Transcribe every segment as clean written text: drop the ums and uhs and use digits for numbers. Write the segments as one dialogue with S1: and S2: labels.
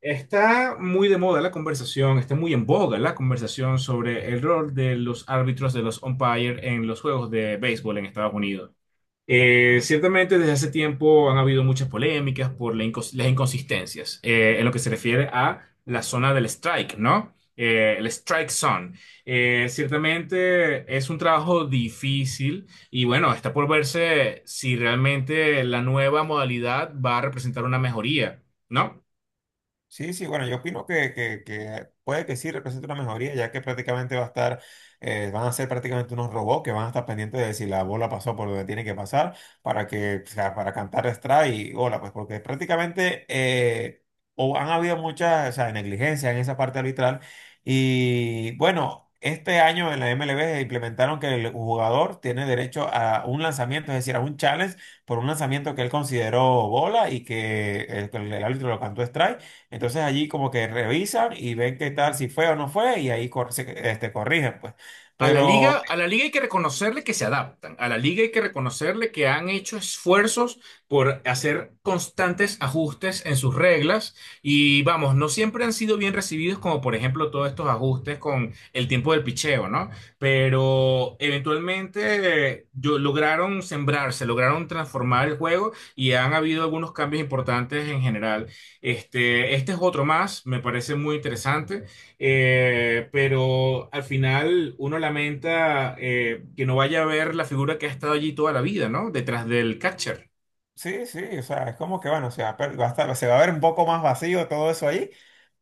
S1: Está muy de moda la conversación, está muy en boga la conversación sobre el rol de los árbitros de los umpires en los juegos de béisbol en Estados Unidos. Ciertamente desde hace tiempo han habido muchas polémicas por la las inconsistencias en lo que se refiere a la zona del strike, ¿no? El strike zone. Ciertamente es un trabajo difícil y bueno, está por verse si realmente la nueva modalidad va a representar una mejoría, ¿no?
S2: Sí, sí, bueno, yo opino que puede que sí represente una mejoría, ya que prácticamente va a estar, van a ser prácticamente unos robots que van a estar pendientes de si la bola pasó por donde tiene que pasar para que, o sea, para cantar strike y hola, pues porque prácticamente o han habido muchas, o sea, negligencias en esa parte arbitral y bueno. Este año en la MLB implementaron que el jugador tiene derecho a un lanzamiento, es decir, a un challenge por un lanzamiento que él consideró bola y que el árbitro lo cantó strike. Entonces allí como que revisan y ven qué tal, si fue o no fue, y ahí cor- se- este, corrigen, pues. Pero
S1: A la liga hay que reconocerle que se adaptan, a la liga hay que reconocerle que han hecho esfuerzos por hacer constantes ajustes en sus reglas y vamos, no siempre han sido bien recibidos como por ejemplo todos estos ajustes con el tiempo del picheo, ¿no? Pero eventualmente lograron sembrarse, lograron transformar el juego y han habido algunos cambios importantes en general. Este es otro más, me parece muy interesante. Pero al final uno lamenta que no vaya a ver la figura que ha estado allí toda la vida, ¿no? Detrás del catcher.
S2: sí, sí, o sea, es como que bueno, se va a, per- va a estar- se va a ver un poco más vacío todo eso ahí.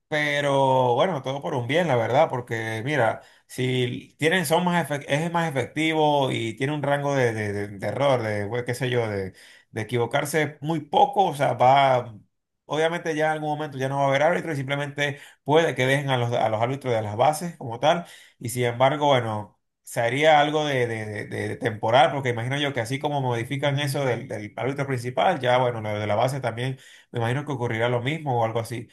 S2: Pero bueno, todo por un bien, la verdad, porque mira, si tienen, son más efec- es más efectivo y tiene un rango de error, de, bueno, qué sé yo, de equivocarse muy poco, o sea, va, obviamente ya en algún momento ya no va a haber árbitro y simplemente puede que dejen a a los árbitros de las bases como tal, y sin embargo, bueno, sería algo de temporal, porque imagino yo que así como modifican eso del árbitro principal, ya bueno, lo de la base también, me imagino que ocurrirá lo mismo o algo así.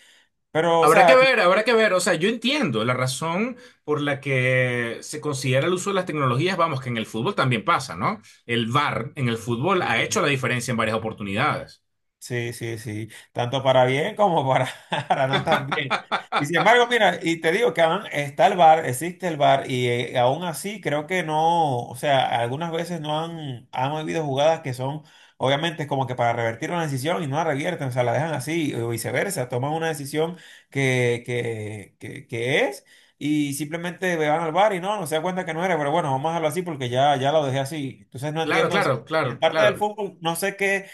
S2: Pero, o
S1: Habrá que
S2: sea,
S1: ver, habrá que ver. O sea, yo entiendo la razón por la que se considera el uso de las tecnologías, vamos, que en el fútbol también pasa, ¿no? El VAR en el fútbol ha hecho
S2: Sí,
S1: la diferencia en varias oportunidades.
S2: sí, sí, sí. Tanto para bien como para, para no tan bien. Y sin embargo, mira, y te digo que aún está el bar existe el bar y aún así creo que no, o sea, algunas veces no han, han habido jugadas que son, obviamente, como que para revertir una decisión y no la revierten, o sea, la dejan así, o viceversa, toman una decisión que es. Y simplemente van al bar y no se da cuenta que no era, pero bueno, vamos a dejarlo así porque ya lo dejé así. Entonces no
S1: Claro,
S2: entiendo, o sea,
S1: claro,
S2: y
S1: claro,
S2: en parte del
S1: claro.
S2: fútbol, no sé qué,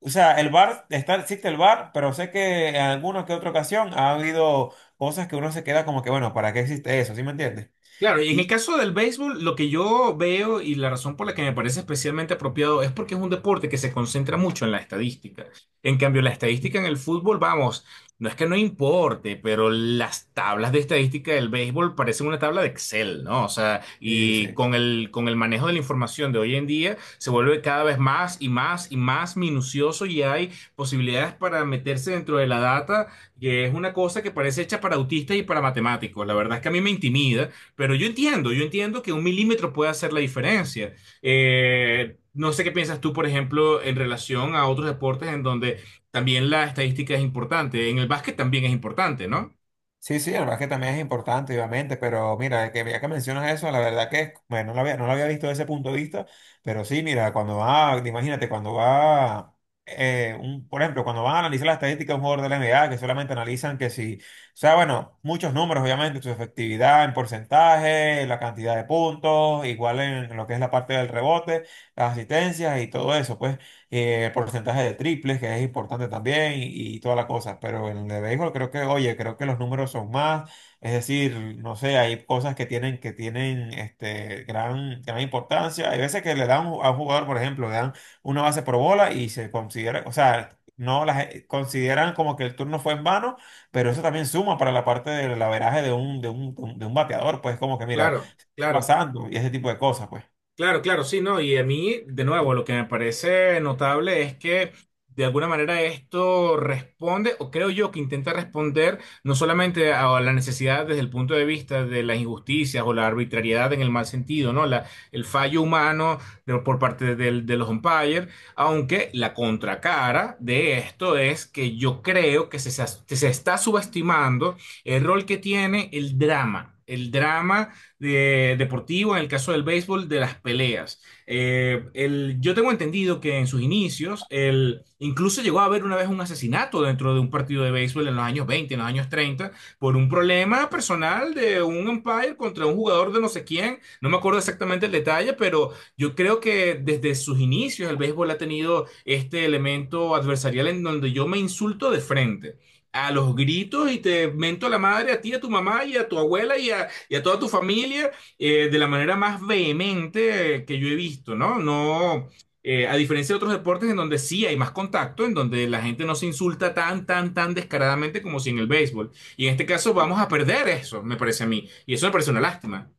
S2: o sea, el bar, está, existe el bar, pero sé que en alguna que otra ocasión ha habido cosas que uno se queda como que, bueno, ¿para qué existe eso? ¿Sí me entiendes?
S1: Claro, y en el
S2: Y
S1: caso del béisbol, lo que yo veo y la razón por la que me parece especialmente apropiado es porque es un deporte que se concentra mucho en la estadística. En cambio, la estadística en el fútbol, vamos, no es que no importe, pero las tablas de estadística del béisbol parecen una tabla de Excel, ¿no? O sea, y
S2: sí.
S1: con el manejo de la información de hoy en día se vuelve cada vez más y más y más minucioso y hay posibilidades para meterse dentro de la data, que es una cosa que parece hecha para autistas y para matemáticos. La verdad es que a mí me intimida. Pero yo entiendo que un milímetro puede hacer la diferencia. No sé qué piensas tú, por ejemplo, en relación a otros deportes en donde también la estadística es importante. En el básquet también es importante, ¿no?
S2: Sí, sí, el básquet también es importante, obviamente, pero mira, que ya que mencionas eso, la verdad que, bueno, no lo había visto desde ese punto de vista, pero sí, mira, cuando va, imagínate, cuando va, un, por ejemplo, cuando van a analizar la estadística de un jugador de la NBA, que solamente analizan que si, o sea, bueno, muchos números, obviamente, su efectividad en porcentaje, la cantidad de puntos, igual en lo que es la parte del rebote, las asistencias y todo eso, pues porcentaje de triples, que es importante también, y toda la cosa. Pero en el de béisbol creo que, oye, creo que los números son más. Es decir, no sé, hay cosas que tienen este, gran importancia. Hay veces que le dan a un jugador, por ejemplo, le dan una base por bola y se considera, o sea, no las consideran como que el turno fue en vano, pero eso también suma para la parte del averaje de un bateador, pues como que mira,
S1: Claro, claro.
S2: pasando y ese tipo de cosas, pues.
S1: Claro, claro, sí, no, y a mí, de nuevo, lo que me parece notable es que de alguna manera esto responde, o creo yo que intenta responder no solamente a la necesidad desde el punto de vista de las injusticias o la arbitrariedad en el mal sentido, ¿no? El fallo humano por parte de los umpires, aunque la contracara de esto es que yo creo que se se está subestimando el rol que tiene el drama. El drama deportivo, en el caso del béisbol, de las peleas. Yo tengo entendido que en sus inicios, el, incluso llegó a haber una vez un asesinato dentro de un partido de béisbol en los años 20, en los años 30, por un problema personal de un umpire contra un jugador de no sé quién. No me acuerdo exactamente el detalle, pero yo creo que desde sus inicios el béisbol ha tenido este elemento adversarial en donde yo me insulto de frente a los gritos y te mento a la madre a ti, a tu mamá y a tu abuela y a toda tu familia de la manera más vehemente que yo he visto, ¿no? No, a diferencia de otros deportes en donde sí hay más contacto, en donde la gente no se insulta tan, tan, tan descaradamente como si en el béisbol. Y en este caso vamos
S2: Sí.
S1: a perder eso, me parece a mí. Y eso me parece una lástima.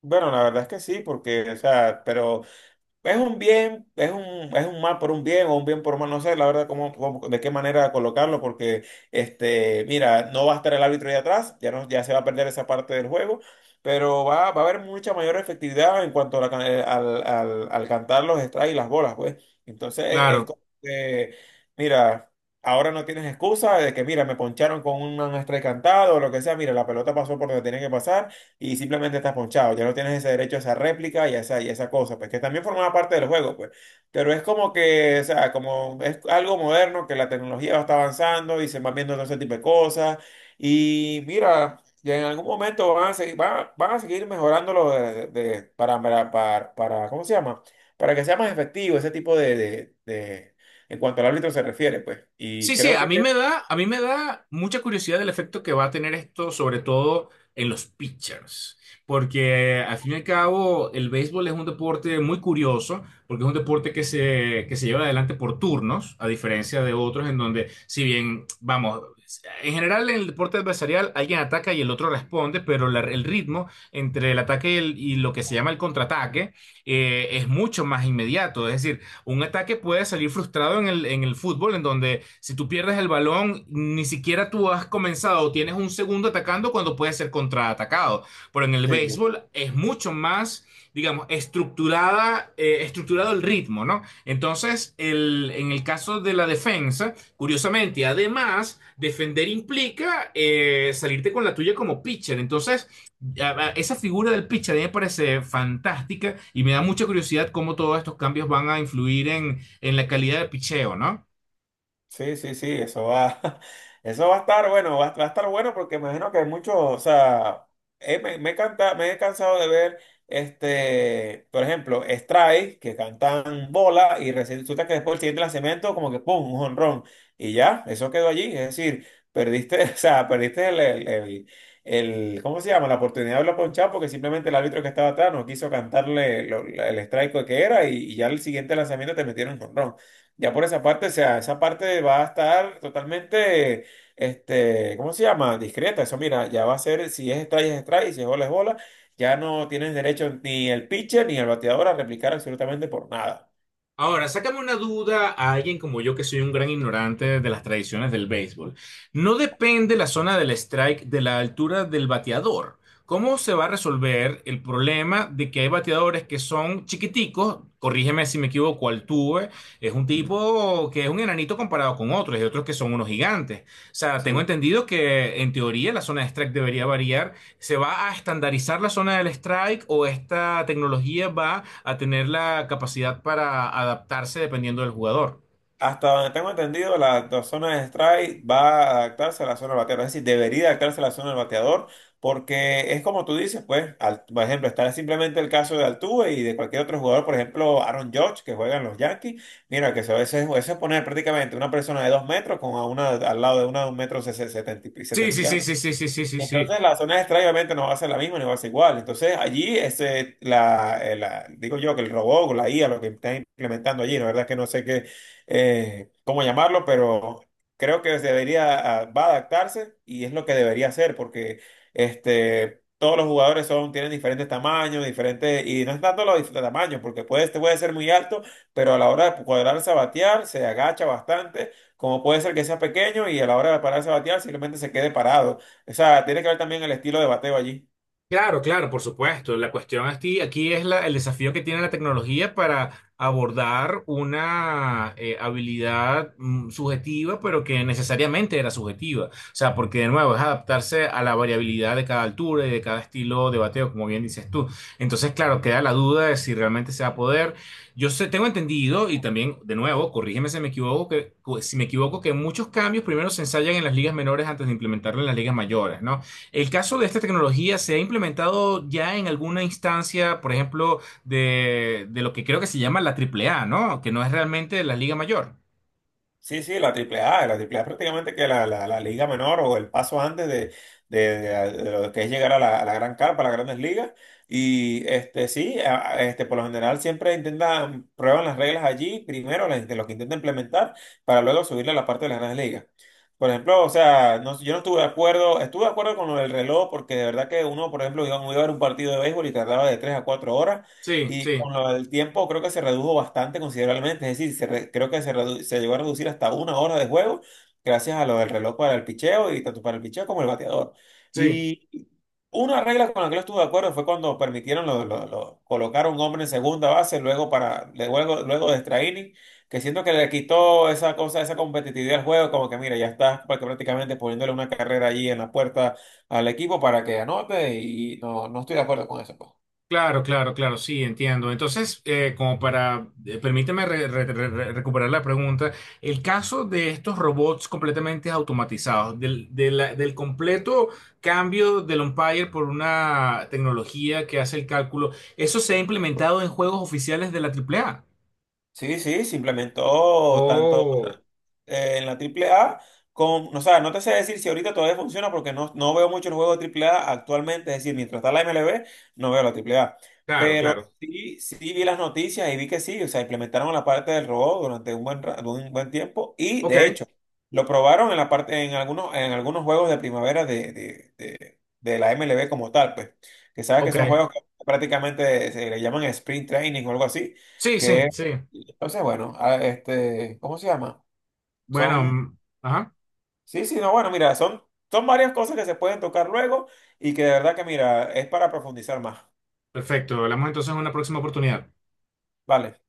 S2: Bueno, la verdad es que sí, porque, o sea, pero es un bien, es un mal por un bien o un bien por un mal, no sé, la verdad, de qué manera colocarlo, porque, este, mira, no va a estar el árbitro ahí atrás, ya, no, ya se va a perder esa parte del juego, pero va a haber mucha mayor efectividad en cuanto a la can- al, al, al cantar los strikes y las bolas, pues. Entonces, es
S1: Claro.
S2: como que, mira, ahora no tienes excusa de que, mira, me poncharon con un strike cantado o lo que sea, mira, la pelota pasó por donde tenía que pasar y simplemente estás ponchado. Ya no tienes ese derecho a esa réplica y a esa cosa, pues que también formaba parte del juego, pues. Pero es como que, o sea, como es algo moderno, que la tecnología va está avanzando y se van viendo todo ese tipo de cosas. Y mira, y en algún momento van a seguir mejorándolo para, para- ¿cómo se llama? Para que sea más efectivo ese tipo de- en cuanto al árbitro se refiere, pues. Y
S1: Sí, sí,
S2: creo que
S1: a mí me da, a mí me da mucha curiosidad el efecto que va a tener esto, sobre todo en los pitchers, porque al fin y al cabo el béisbol es un deporte muy curioso, porque es un deporte que se lleva adelante por turnos, a diferencia de otros en donde, si bien, vamos, en general en el deporte adversarial alguien ataca y el otro responde, pero el ritmo entre el ataque y, y lo que se llama el contraataque es mucho más inmediato, es decir, un ataque puede salir frustrado en en el fútbol, en donde si tú pierdes el balón, ni siquiera tú has comenzado o tienes un segundo atacando cuando puedes ser contraatacado. Pero en el
S2: sí.
S1: béisbol es mucho más digamos, estructurada, estructurado el ritmo, ¿no? Entonces, en el caso de la defensa, curiosamente, además, defender implica salirte con la tuya como pitcher. Entonces, esa figura del pitcher a mí me parece fantástica y me da mucha curiosidad cómo todos estos cambios van a influir en la calidad del picheo, ¿no?
S2: Sí, sí, sí, eso va a estar bueno, va a estar bueno porque imagino que hay muchos, o sea, me he cansado de ver, este, por ejemplo, strike, que cantan bola y resulta que después el siguiente lanzamiento como que pum, un jonrón y ya, eso quedó allí, es decir, perdiste, o sea, perdiste el- ¿cómo se llama? La oportunidad de hablar ponchado porque simplemente el árbitro que estaba atrás no quiso cantarle el strike que era y ya el siguiente lanzamiento te metieron un jonrón. Ya por esa parte, o sea, esa parte va a estar totalmente, este, ¿cómo se llama? Discreta. Eso, mira, ya va a ser, si es strike, es strike, y si es bola, es bola. Ya no tienes derecho ni el pitcher ni el bateador a replicar absolutamente por nada.
S1: Ahora, sácame una duda a alguien como yo que soy un gran ignorante de las tradiciones del béisbol. No depende la zona del strike de la altura del bateador. ¿Cómo se va a resolver el problema de que hay bateadores que son chiquiticos? Corrígeme si me equivoco, Altuve es un tipo que es un enanito comparado con otros y otros que son unos gigantes. O sea, tengo
S2: Sí.
S1: entendido que en teoría la zona de strike debería variar. ¿Se va a estandarizar la zona del strike o esta tecnología va a tener la capacidad para adaptarse dependiendo del jugador?
S2: Hasta donde tengo entendido, la zona de strike va a adaptarse a la zona del bateador. Es decir, debería adaptarse a la zona del bateador porque es como tú dices, pues, al- por ejemplo, está simplemente el caso de Altuve y de cualquier otro jugador, por ejemplo, Aaron Judge, que juega en los Yankees. Mira, que se- eso es poner prácticamente una persona de dos metros con a una al lado de una de un metro sesenta y
S1: Sí, sí, sí, sí, sí, sí, sí, sí,
S2: y
S1: sí.
S2: Entonces las zonas extrañas obviamente no va a ser la misma ni va a ser igual. Entonces allí, ese, la, digo yo que el robot o la IA, lo que están implementando allí, la verdad es que no sé qué, cómo llamarlo, pero creo que se debería, ah, va a adaptarse y es lo que debería hacer porque este, todos los jugadores son, tienen diferentes tamaños, diferentes, y no es tanto los dif- tamaños, porque puede, este puede ser muy alto, pero a la hora de cuadrarse a batear, se agacha bastante, como puede ser que sea pequeño y a la hora de pararse a batear simplemente se quede parado. O sea, tiene que ver también el estilo de bateo allí.
S1: Claro, claro, por supuesto. La cuestión aquí, aquí es el desafío que tiene la tecnología para abordar una habilidad subjetiva, pero que necesariamente era subjetiva. O sea, porque de nuevo es adaptarse a la variabilidad de cada altura y de cada estilo de bateo, como bien dices tú. Entonces, claro, queda la duda de si realmente se va a poder. Yo sé, tengo entendido, y también, de nuevo, corrígeme si me equivoco, si me equivoco, que muchos cambios primero se ensayan en las ligas menores antes de implementarlo en las ligas mayores, ¿no? El caso de esta tecnología se ha implementado ya en alguna instancia, por ejemplo, de lo que creo que se llama la Triple A, ¿no? Que no es realmente la Liga Mayor.
S2: Sí, sí, la triple A prácticamente que la liga menor o el paso antes de lo que es llegar a a la gran carpa, a las grandes ligas. Y este sí, este, por lo general siempre intentan, prueban las reglas allí, primero las, de lo que intentan implementar, para luego subirle a la parte de las grandes ligas. Por ejemplo, o sea, no- yo no estuve de acuerdo, estuve de acuerdo con lo del reloj, porque de verdad que uno, por ejemplo, iba a ver un partido de béisbol y tardaba de 3 a 4 horas.
S1: Sí,
S2: Y
S1: sí,
S2: con lo del tiempo creo que se redujo bastante considerablemente, es decir, creo se llegó a reducir hasta una hora de juego gracias a lo del reloj para el picheo y tanto para el picheo como el bateador.
S1: sí.
S2: Y una regla con la que no estuve de acuerdo fue cuando permitieron colocar a un hombre en segunda base luego de extra inning, que siento que le quitó esa cosa, esa competitividad al juego, como que mira, prácticamente poniéndole una carrera allí en la puerta al equipo para que anote y no estoy de acuerdo con eso, pues.
S1: Claro, claro, claro, sí, entiendo. Entonces, como para, permíteme recuperar la pregunta, el caso de estos robots completamente automatizados, del completo cambio del umpire por una tecnología que hace el cálculo, ¿eso se ha implementado en juegos oficiales de la Triple A?
S2: Sí, sí, se implementó tanto
S1: Oh,
S2: en la triple A. Con, o sea, no te sé decir si ahorita todavía funciona porque no veo muchos juegos de triple A actualmente. Es decir, mientras está la MLB, no veo la triple A.
S1: claro,
S2: Pero
S1: claro.
S2: sí, sí vi las noticias y vi que sí. O sea, implementaron la parte del robot durante un buen tiempo. Y
S1: Ok,
S2: de hecho, lo probaron en la parte, en algunos juegos de primavera de la MLB como tal, pues. Que sabes que
S1: ok.
S2: son juegos que prácticamente se le llaman sprint training o algo así.
S1: Sí, sí,
S2: Que
S1: sí.
S2: es, entonces, bueno, este, ¿cómo se llama?
S1: Bueno,
S2: Son,
S1: mm, ajá,
S2: sí, sí, no, bueno, mira, son, son varias cosas que se pueden tocar luego y que de verdad que, mira, es para profundizar más.
S1: perfecto. Hablamos entonces en una próxima oportunidad.
S2: Vale.